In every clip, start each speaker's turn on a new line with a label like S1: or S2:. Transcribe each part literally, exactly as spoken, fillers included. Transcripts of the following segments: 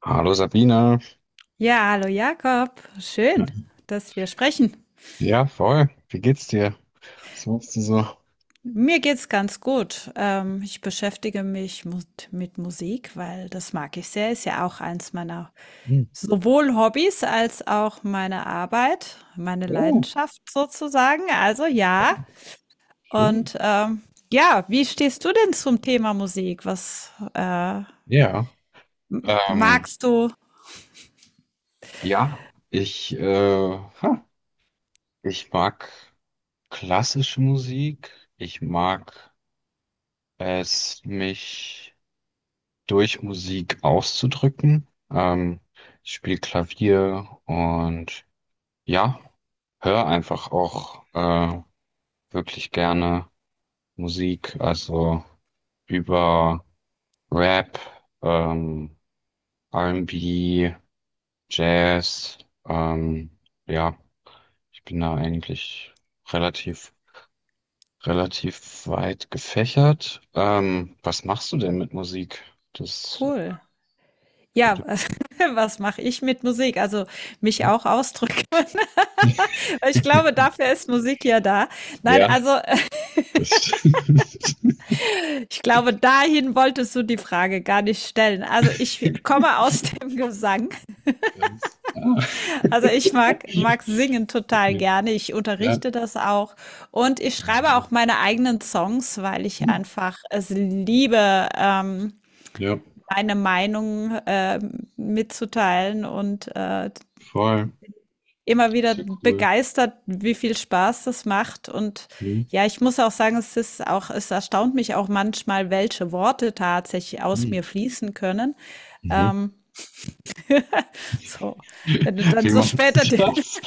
S1: Hallo Sabine.
S2: Ja, hallo Jakob. Schön, dass wir sprechen.
S1: Ja, voll. Wie geht's dir? Was machst du so?
S2: Mir geht's ganz gut. Ähm, ich beschäftige mich mu- mit Musik, weil das mag ich sehr. Ist ja auch eins meiner
S1: Hm.
S2: sowohl Hobbys als auch meine Arbeit, meine
S1: Oh,
S2: Leidenschaft sozusagen. Also ja.
S1: schön.
S2: Und ähm, ja, wie stehst du denn zum Thema Musik? Was äh,
S1: Ja.
S2: m-
S1: Ähm,
S2: magst du?
S1: ja, ich, äh, ha, ich mag klassische Musik. Ich mag es, mich durch Musik auszudrücken. Ähm, ich spiele Klavier und ja, höre einfach auch äh, wirklich gerne Musik. Also über Rap, ähm, R und B, Jazz, ähm, ja, ich bin da eigentlich relativ, relativ weit gefächert. Ähm, was machst du denn mit Musik? Das
S2: Cool. Ja,
S1: würde.
S2: was mache ich mit Musik? Also mich auch ausdrücken. Ich glaube, dafür ist Musik ja da. Nein,
S1: Ja,
S2: also äh,
S1: das stimmt.
S2: ich glaube, dahin wolltest du die Frage gar nicht stellen. Also ich komme aus dem Gesang.
S1: Ganz. Ah.
S2: Also ich mag, mag singen total
S1: Okay.
S2: gerne. Ich
S1: Ja.
S2: unterrichte das auch. Und ich schreibe
S1: Aha.
S2: auch meine eigenen Songs, weil ich
S1: Hm.
S2: einfach es liebe, ähm,
S1: Ja,
S2: meine Meinung äh, mitzuteilen und äh,
S1: voll.
S2: immer wieder
S1: Ist ja cool.
S2: begeistert, wie viel Spaß das macht. Und
S1: Hm.
S2: ja, ich muss auch sagen, es ist auch, es erstaunt mich auch manchmal, welche Worte tatsächlich aus mir
S1: Hm.
S2: fließen können.
S1: Mhm.
S2: Ähm, so, wenn du dann
S1: Wie
S2: so
S1: machen
S2: später,
S1: Sie das?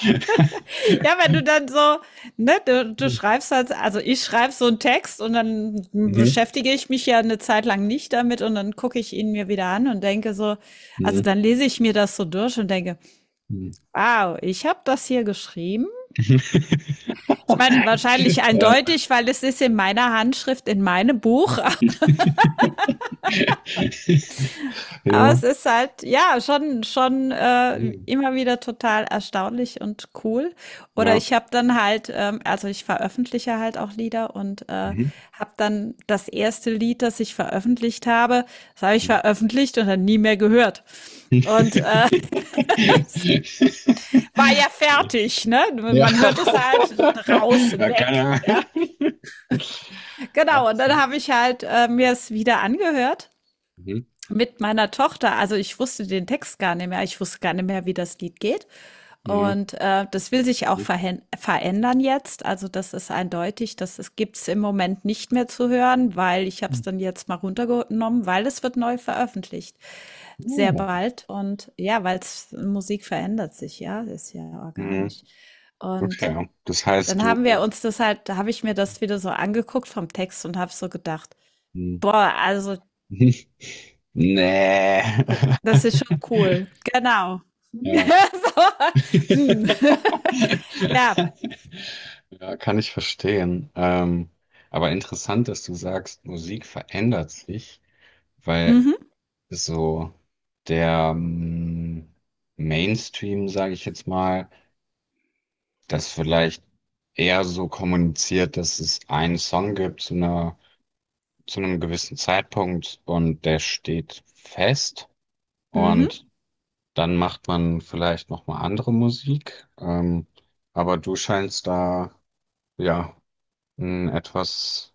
S2: ja, wenn du dann so, ne, du, du schreibst halt, also ich schreibe so einen Text und dann
S1: Mhm.
S2: beschäftige ich mich ja eine Zeit lang nicht damit und dann gucke ich ihn mir wieder an und denke so, also
S1: Mhm.
S2: dann lese ich mir das so durch und denke,
S1: Mhm.
S2: wow, ich habe das hier geschrieben. Ich meine, wahrscheinlich
S1: Ja.
S2: eindeutig, weil es ist in meiner Handschrift, in meinem Buch. Aber
S1: Ja.
S2: es ist halt, ja, schon, schon äh,
S1: Mhm.
S2: immer wieder total erstaunlich und cool. Oder
S1: Ja.
S2: ich habe dann halt, ähm, also ich veröffentliche halt auch Lieder und äh,
S1: Mhm.
S2: habe dann das erste Lied, das ich veröffentlicht habe, das habe ich
S1: Mhm.
S2: veröffentlicht und dann nie mehr gehört. Und äh, war ja
S1: Yes.
S2: fertig, ne?
S1: Ja.
S2: Man hört es halt raus,
S1: Ja, keine
S2: weg. Ja,
S1: Ahnung. Ach,
S2: genau. Und dann
S1: mhm.
S2: habe ich halt äh, mir es wieder angehört
S1: Mhm.
S2: mit meiner Tochter, also ich wusste den Text gar nicht mehr, ich wusste gar nicht mehr, wie das Lied geht.
S1: Mhm.
S2: Und äh, das will sich auch
S1: Mhm.
S2: verhän- verändern jetzt. Also das ist eindeutig, das ist- gibt's im Moment nicht mehr zu hören, weil ich habe
S1: Mhm.
S2: es dann jetzt mal runtergenommen, weil es wird neu veröffentlicht. Sehr
S1: Oh.
S2: bald. Und ja, weil Musik verändert sich, ja, ist ja
S1: Mhm.
S2: organisch. Und
S1: Okay, das
S2: dann
S1: heißt,
S2: haben wir
S1: du
S2: uns das halt, da habe ich mir das wieder so angeguckt vom Text und habe so gedacht,
S1: mhm.
S2: boah, also
S1: Mhm. Ne.
S2: D das ist schon cool. Genau.
S1: Ja.
S2: So, hm. Ja.
S1: Ja, kann ich verstehen. Ähm, aber interessant, dass du sagst, Musik verändert sich, weil
S2: Mhm.
S1: so der ähm, Mainstream, sage ich jetzt mal, das vielleicht eher so kommuniziert, dass es einen Song gibt zu einer, zu einem gewissen Zeitpunkt und der steht fest.
S2: Mhm.
S1: Und dann macht man vielleicht noch mal andere Musik, ähm, aber du scheinst da ja einen etwas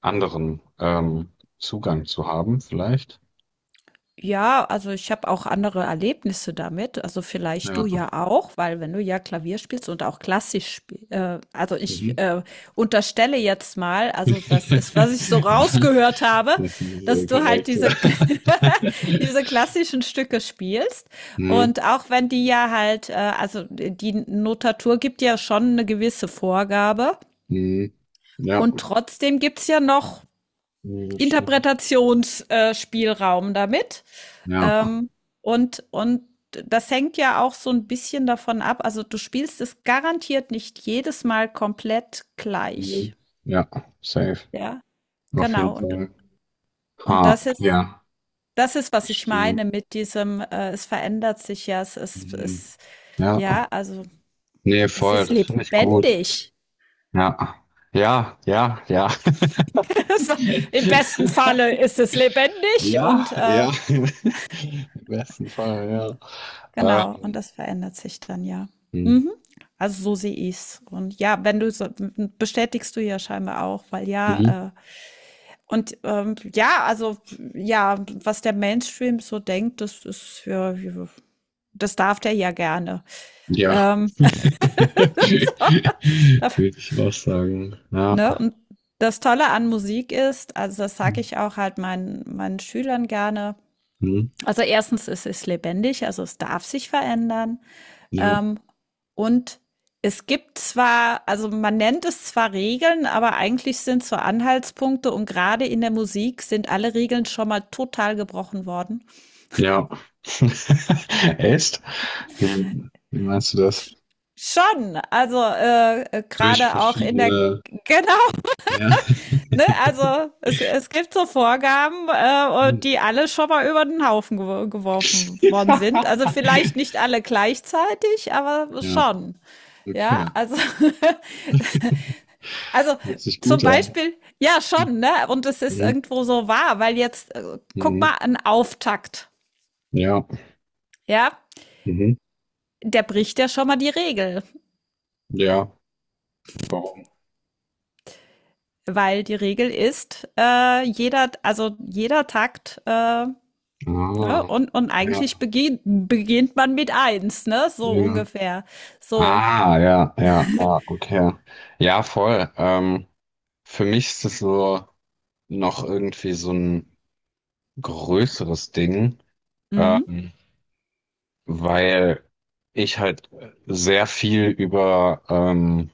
S1: anderen ähm, Zugang zu haben, vielleicht.
S2: Ja, also ich habe auch andere Erlebnisse damit. Also vielleicht du
S1: Ja.
S2: ja auch, weil wenn du ja Klavier spielst und auch klassisch spielst, äh, also ich
S1: Mhm.
S2: äh, unterstelle jetzt mal, also das ist, was ich so
S1: Ja,
S2: rausgehört habe,
S1: das ist
S2: dass
S1: äh,
S2: du halt
S1: korrekt, ja.
S2: diese, diese klassischen Stücke spielst.
S1: Mhm.
S2: Und auch wenn die ja halt, äh, also die Notatur gibt ja schon eine gewisse Vorgabe
S1: Mhm. Ja.
S2: und trotzdem gibt's ja noch
S1: Ja, das stimmt.
S2: Interpretationsspielraum damit.
S1: Ja.
S2: Ähm, und und das hängt ja auch so ein bisschen davon ab, also, du spielst es garantiert nicht jedes Mal komplett gleich,
S1: Mhm. Ja, safe.
S2: ja?
S1: Auf
S2: Genau,
S1: jeden
S2: und
S1: Fall.
S2: und
S1: Ha,
S2: das ist
S1: ja,
S2: das ist, was ich
S1: verstehe.
S2: meine mit diesem, äh, es verändert sich ja, es es
S1: Mhm.
S2: es ja,
S1: Ja.
S2: also,
S1: Nee,
S2: es
S1: voll,
S2: ist
S1: das finde ich gut.
S2: lebendig.
S1: Ja, ja, ja, ja.
S2: Es Im besten Falle ist es lebendig und,
S1: Ja,
S2: äh
S1: ja. Im besten Fall, ja.
S2: genau, und
S1: Ähm,
S2: das verändert sich dann ja. Mhm. Also so sehe ich's. Und ja, wenn du so, bestätigst du ja scheinbar auch, weil
S1: mhm.
S2: ja, äh, und ähm, ja, also ja, was der Mainstream so denkt, das ist ja, ja, das darf der ja gerne.
S1: Ja.
S2: Ähm, darf,
S1: Würde ich auch sagen. Ja.
S2: ne? Und das Tolle an Musik ist, also das sage ich auch halt meinen, meinen Schülern gerne.
S1: Mhm.
S2: Also erstens ist es lebendig, also es darf sich verändern.
S1: Ja.
S2: Ähm, und es gibt zwar, also man nennt es zwar Regeln, aber eigentlich sind es so Anhaltspunkte und gerade in der Musik sind alle Regeln schon mal total gebrochen worden.
S1: Ja. Echt? Wie, wie meinst du das?
S2: Sch- Schon, also äh, äh,
S1: Durch
S2: gerade auch in der,
S1: verschiedene.
S2: genau,
S1: Ja.
S2: ne? Also es, es gibt so Vorgaben, äh,
S1: Hm.
S2: und die alle schon mal über den Haufen gew- geworfen worden sind. Also vielleicht nicht alle gleichzeitig, aber
S1: Ja,
S2: schon. Ja,
S1: okay.
S2: also also
S1: Hört sich
S2: zum
S1: gut an.
S2: Beispiel, ja schon, ne? Und es ist
S1: Mhm.
S2: irgendwo so wahr, weil jetzt, äh, guck
S1: Mhm.
S2: mal, ein Auftakt,
S1: Ja.
S2: ja,
S1: Mhm.
S2: der bricht ja schon mal die Regel,
S1: Ja. Warum?
S2: weil die Regel ist, äh, jeder, also jeder Takt, äh, ne?
S1: Ah.
S2: Und, und eigentlich
S1: Ja.
S2: beginnt, beginnt man mit eins, ne? So
S1: Ja.
S2: ungefähr. So.
S1: Ah, ja, ja, ah, okay. Ja, ja, voll. Ähm, für mich ist das so noch irgendwie so ein größeres Ding,
S2: Mhm.
S1: ähm, weil ich halt sehr viel über, ähm,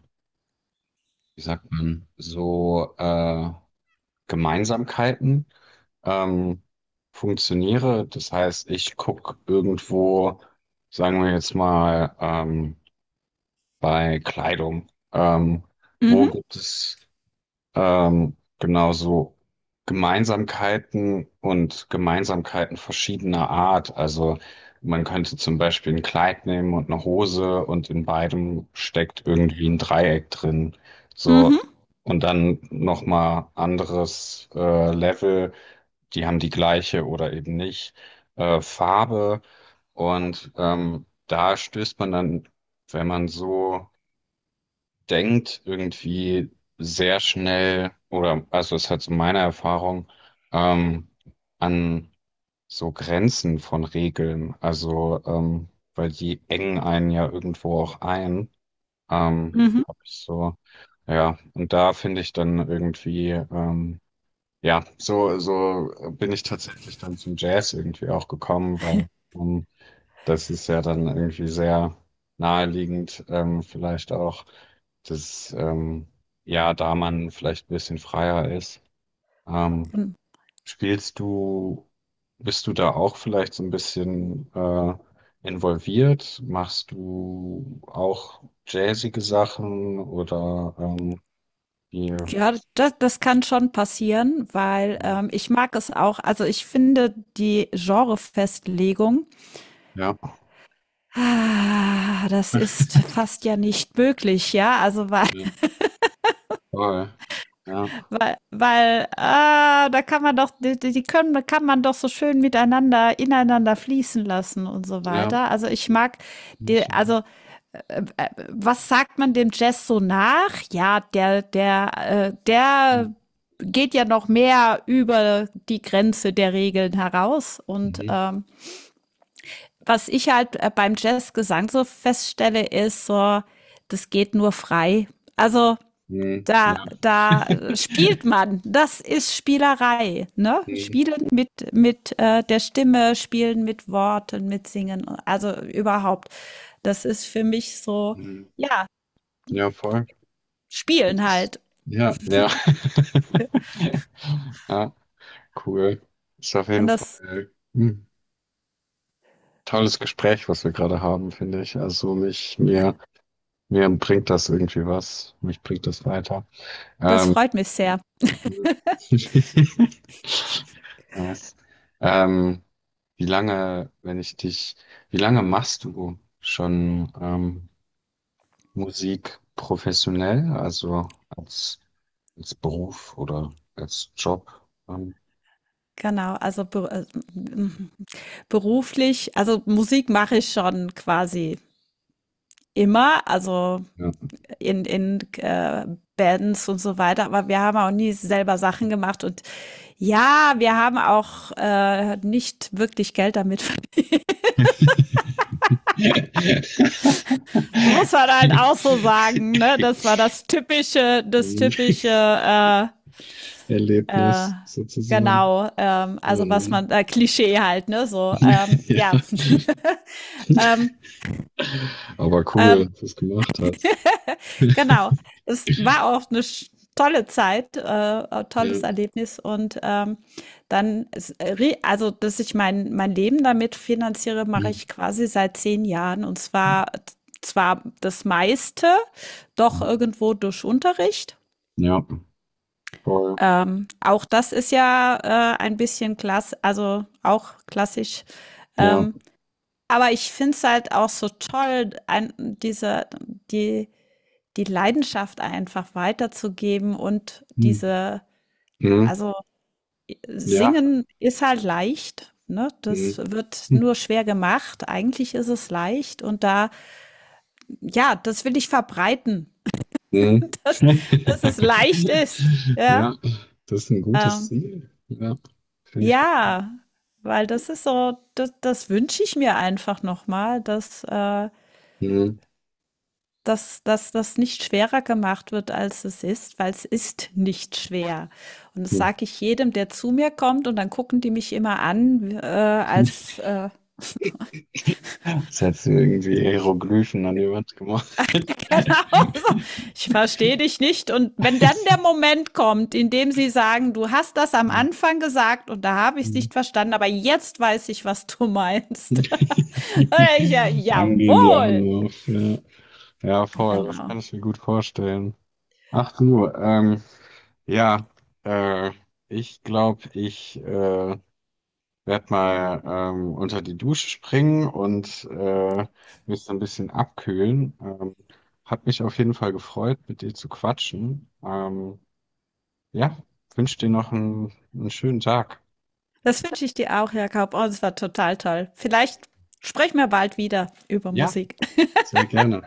S1: wie sagt man, so äh, Gemeinsamkeiten ähm, funktioniere. Das heißt, ich gucke irgendwo, sagen wir jetzt mal, ähm, bei Kleidung, ähm, wo
S2: Mhm.
S1: gibt es ähm, genau so Gemeinsamkeiten und Gemeinsamkeiten verschiedener Art. Also man könnte zum Beispiel ein Kleid nehmen und eine Hose und in beidem steckt irgendwie ein Dreieck drin. So
S2: Mhm.
S1: und dann noch mal anderes äh, Level. Die haben die gleiche oder eben nicht äh, Farbe und ähm, da stößt man dann, wenn man so denkt irgendwie sehr schnell, oder also es hat so meine Erfahrung, ähm, an so Grenzen von Regeln. Also, ähm, weil die engen einen ja irgendwo auch ein. Ähm,
S2: Mhm.
S1: hab ich so, ja, und da finde ich dann irgendwie, ähm, ja, so, so bin ich tatsächlich dann zum Jazz irgendwie auch gekommen, weil ähm, das ist ja dann irgendwie sehr naheliegend, ähm, vielleicht auch, dass ähm, ja, da man vielleicht ein bisschen freier ist. Ähm,
S2: Mhm.
S1: spielst du, bist du da auch vielleicht so ein bisschen äh, involviert? Machst du auch jazzige Sachen oder ähm, hier?
S2: Ja, das, das kann schon passieren, weil ähm, ich mag es auch. Also ich finde die Genrefestlegung,
S1: Ja,
S2: ah, das ist fast ja nicht möglich, ja? Also weil
S1: ja, voll. Ja,
S2: weil weil, ah, da kann man doch die die können da kann man doch so schön miteinander ineinander fließen lassen und so
S1: ja.
S2: weiter. Also, ich mag die,
S1: Ich-
S2: also, was sagt man dem Jazz so nach? Ja, der der, äh,
S1: Mhm.
S2: der geht ja noch mehr über die Grenze der Regeln heraus und, ähm was ich halt äh, beim Jazzgesang so feststelle, ist so, das geht nur frei. Also
S1: Mhm.
S2: da,
S1: Ja.
S2: da spielt man. Das ist Spielerei. Ne? Spielen mit, mit äh, der Stimme, spielen mit Worten, mit Singen. Also überhaupt. Das ist für mich so,
S1: Mhm.
S2: ja,
S1: Ja, voll. Und
S2: spielen
S1: das,
S2: halt.
S1: ja, ja. Ja, cool. Ist auf
S2: Und
S1: jeden
S2: das,
S1: Fall ein tolles Gespräch, was wir gerade haben, finde ich. Also mich, mir, mir bringt das irgendwie was. Mich bringt das weiter.
S2: das
S1: Ähm,
S2: freut mich sehr.
S1: nice. Ähm, wie lange, wenn ich dich, wie lange machst du schon ähm, Musik professionell, also als, als Beruf oder als Job. Ähm,
S2: Genau, also be äh, beruflich, also Musik mache ich schon quasi immer. Also
S1: ja.
S2: in, in äh, Bands und so weiter, aber wir haben auch nie selber Sachen gemacht und ja, wir haben auch äh, nicht wirklich Geld damit. Das muss man halt auch so sagen, ne? Das war das typische, das typische, äh, äh,
S1: Erlebnis sozusagen.
S2: genau, ähm,
S1: Oh
S2: also was man,
S1: Mann.
S2: äh, Klischee halt, ne? So, ähm, ja. ähm,
S1: Ja. Aber cool,
S2: ähm,
S1: dass du es gemacht hast.
S2: Genau. Es war auch eine sch tolle Zeit, äh, äh,
S1: Ja.
S2: tolles Erlebnis und, ähm, dann es re also, dass ich mein mein Leben damit finanziere, mache
S1: Mhm.
S2: ich quasi seit zehn Jahren, und zwar zwar das meiste doch
S1: Mhm.
S2: irgendwo durch Unterricht.
S1: Ja, voll.
S2: Ähm, auch das ist ja, äh, ein bisschen klass also, auch klassisch.
S1: Ja.
S2: Ähm, aber ich finde es halt auch so toll, ein diese die die Leidenschaft einfach weiterzugeben und
S1: Mhm.
S2: diese,
S1: Mhm.
S2: also,
S1: Ja.
S2: singen ist halt leicht, ne? Das
S1: Mhm.
S2: wird nur schwer gemacht. Eigentlich ist es leicht und da, ja, das will ich verbreiten,
S1: Mhm.
S2: dass dass es leicht ist, ja?
S1: Ja, das ist ein gutes
S2: Ähm,
S1: Ziel. Ja, finde ich cool.
S2: ja, weil das ist so, das das wünsche ich mir einfach nochmal, dass, äh
S1: Mhm.
S2: dass, dass das nicht schwerer gemacht wird, als es ist, weil es ist nicht schwer. Und das
S1: Hm.
S2: sage ich jedem, der zu mir kommt, und dann gucken die mich immer an, äh, als äh,
S1: Jetzt hättest du irgendwie Hieroglyphen an die Wand gemacht.
S2: genau, so, ich verstehe dich nicht. Und wenn dann der Moment kommt, in dem sie sagen, du hast das am Anfang gesagt und da habe ich es
S1: Mhm.
S2: nicht verstanden, aber jetzt weiß ich, was du meinst. Dann denke ich, ja,
S1: Dann gehen die
S2: jawohl.
S1: Augen auf. Ja, ja, voll, das
S2: Genau.
S1: kann ich mir gut vorstellen. Ach du, ähm, ja, äh, ich glaube, ich äh, werde mal ähm, unter die Dusche springen und äh, mich so ein bisschen abkühlen. Ähm, hat mich auf jeden Fall gefreut, mit dir zu quatschen. Ähm, ja, wünsche dir noch einen, einen schönen Tag.
S2: Das wünsche ich dir auch, Jakob. Oh, es war total toll. Vielleicht sprechen wir bald wieder über
S1: Ja,
S2: Musik.
S1: sehr gerne.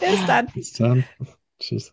S2: Bis dann.
S1: Bis dann. Tschüss.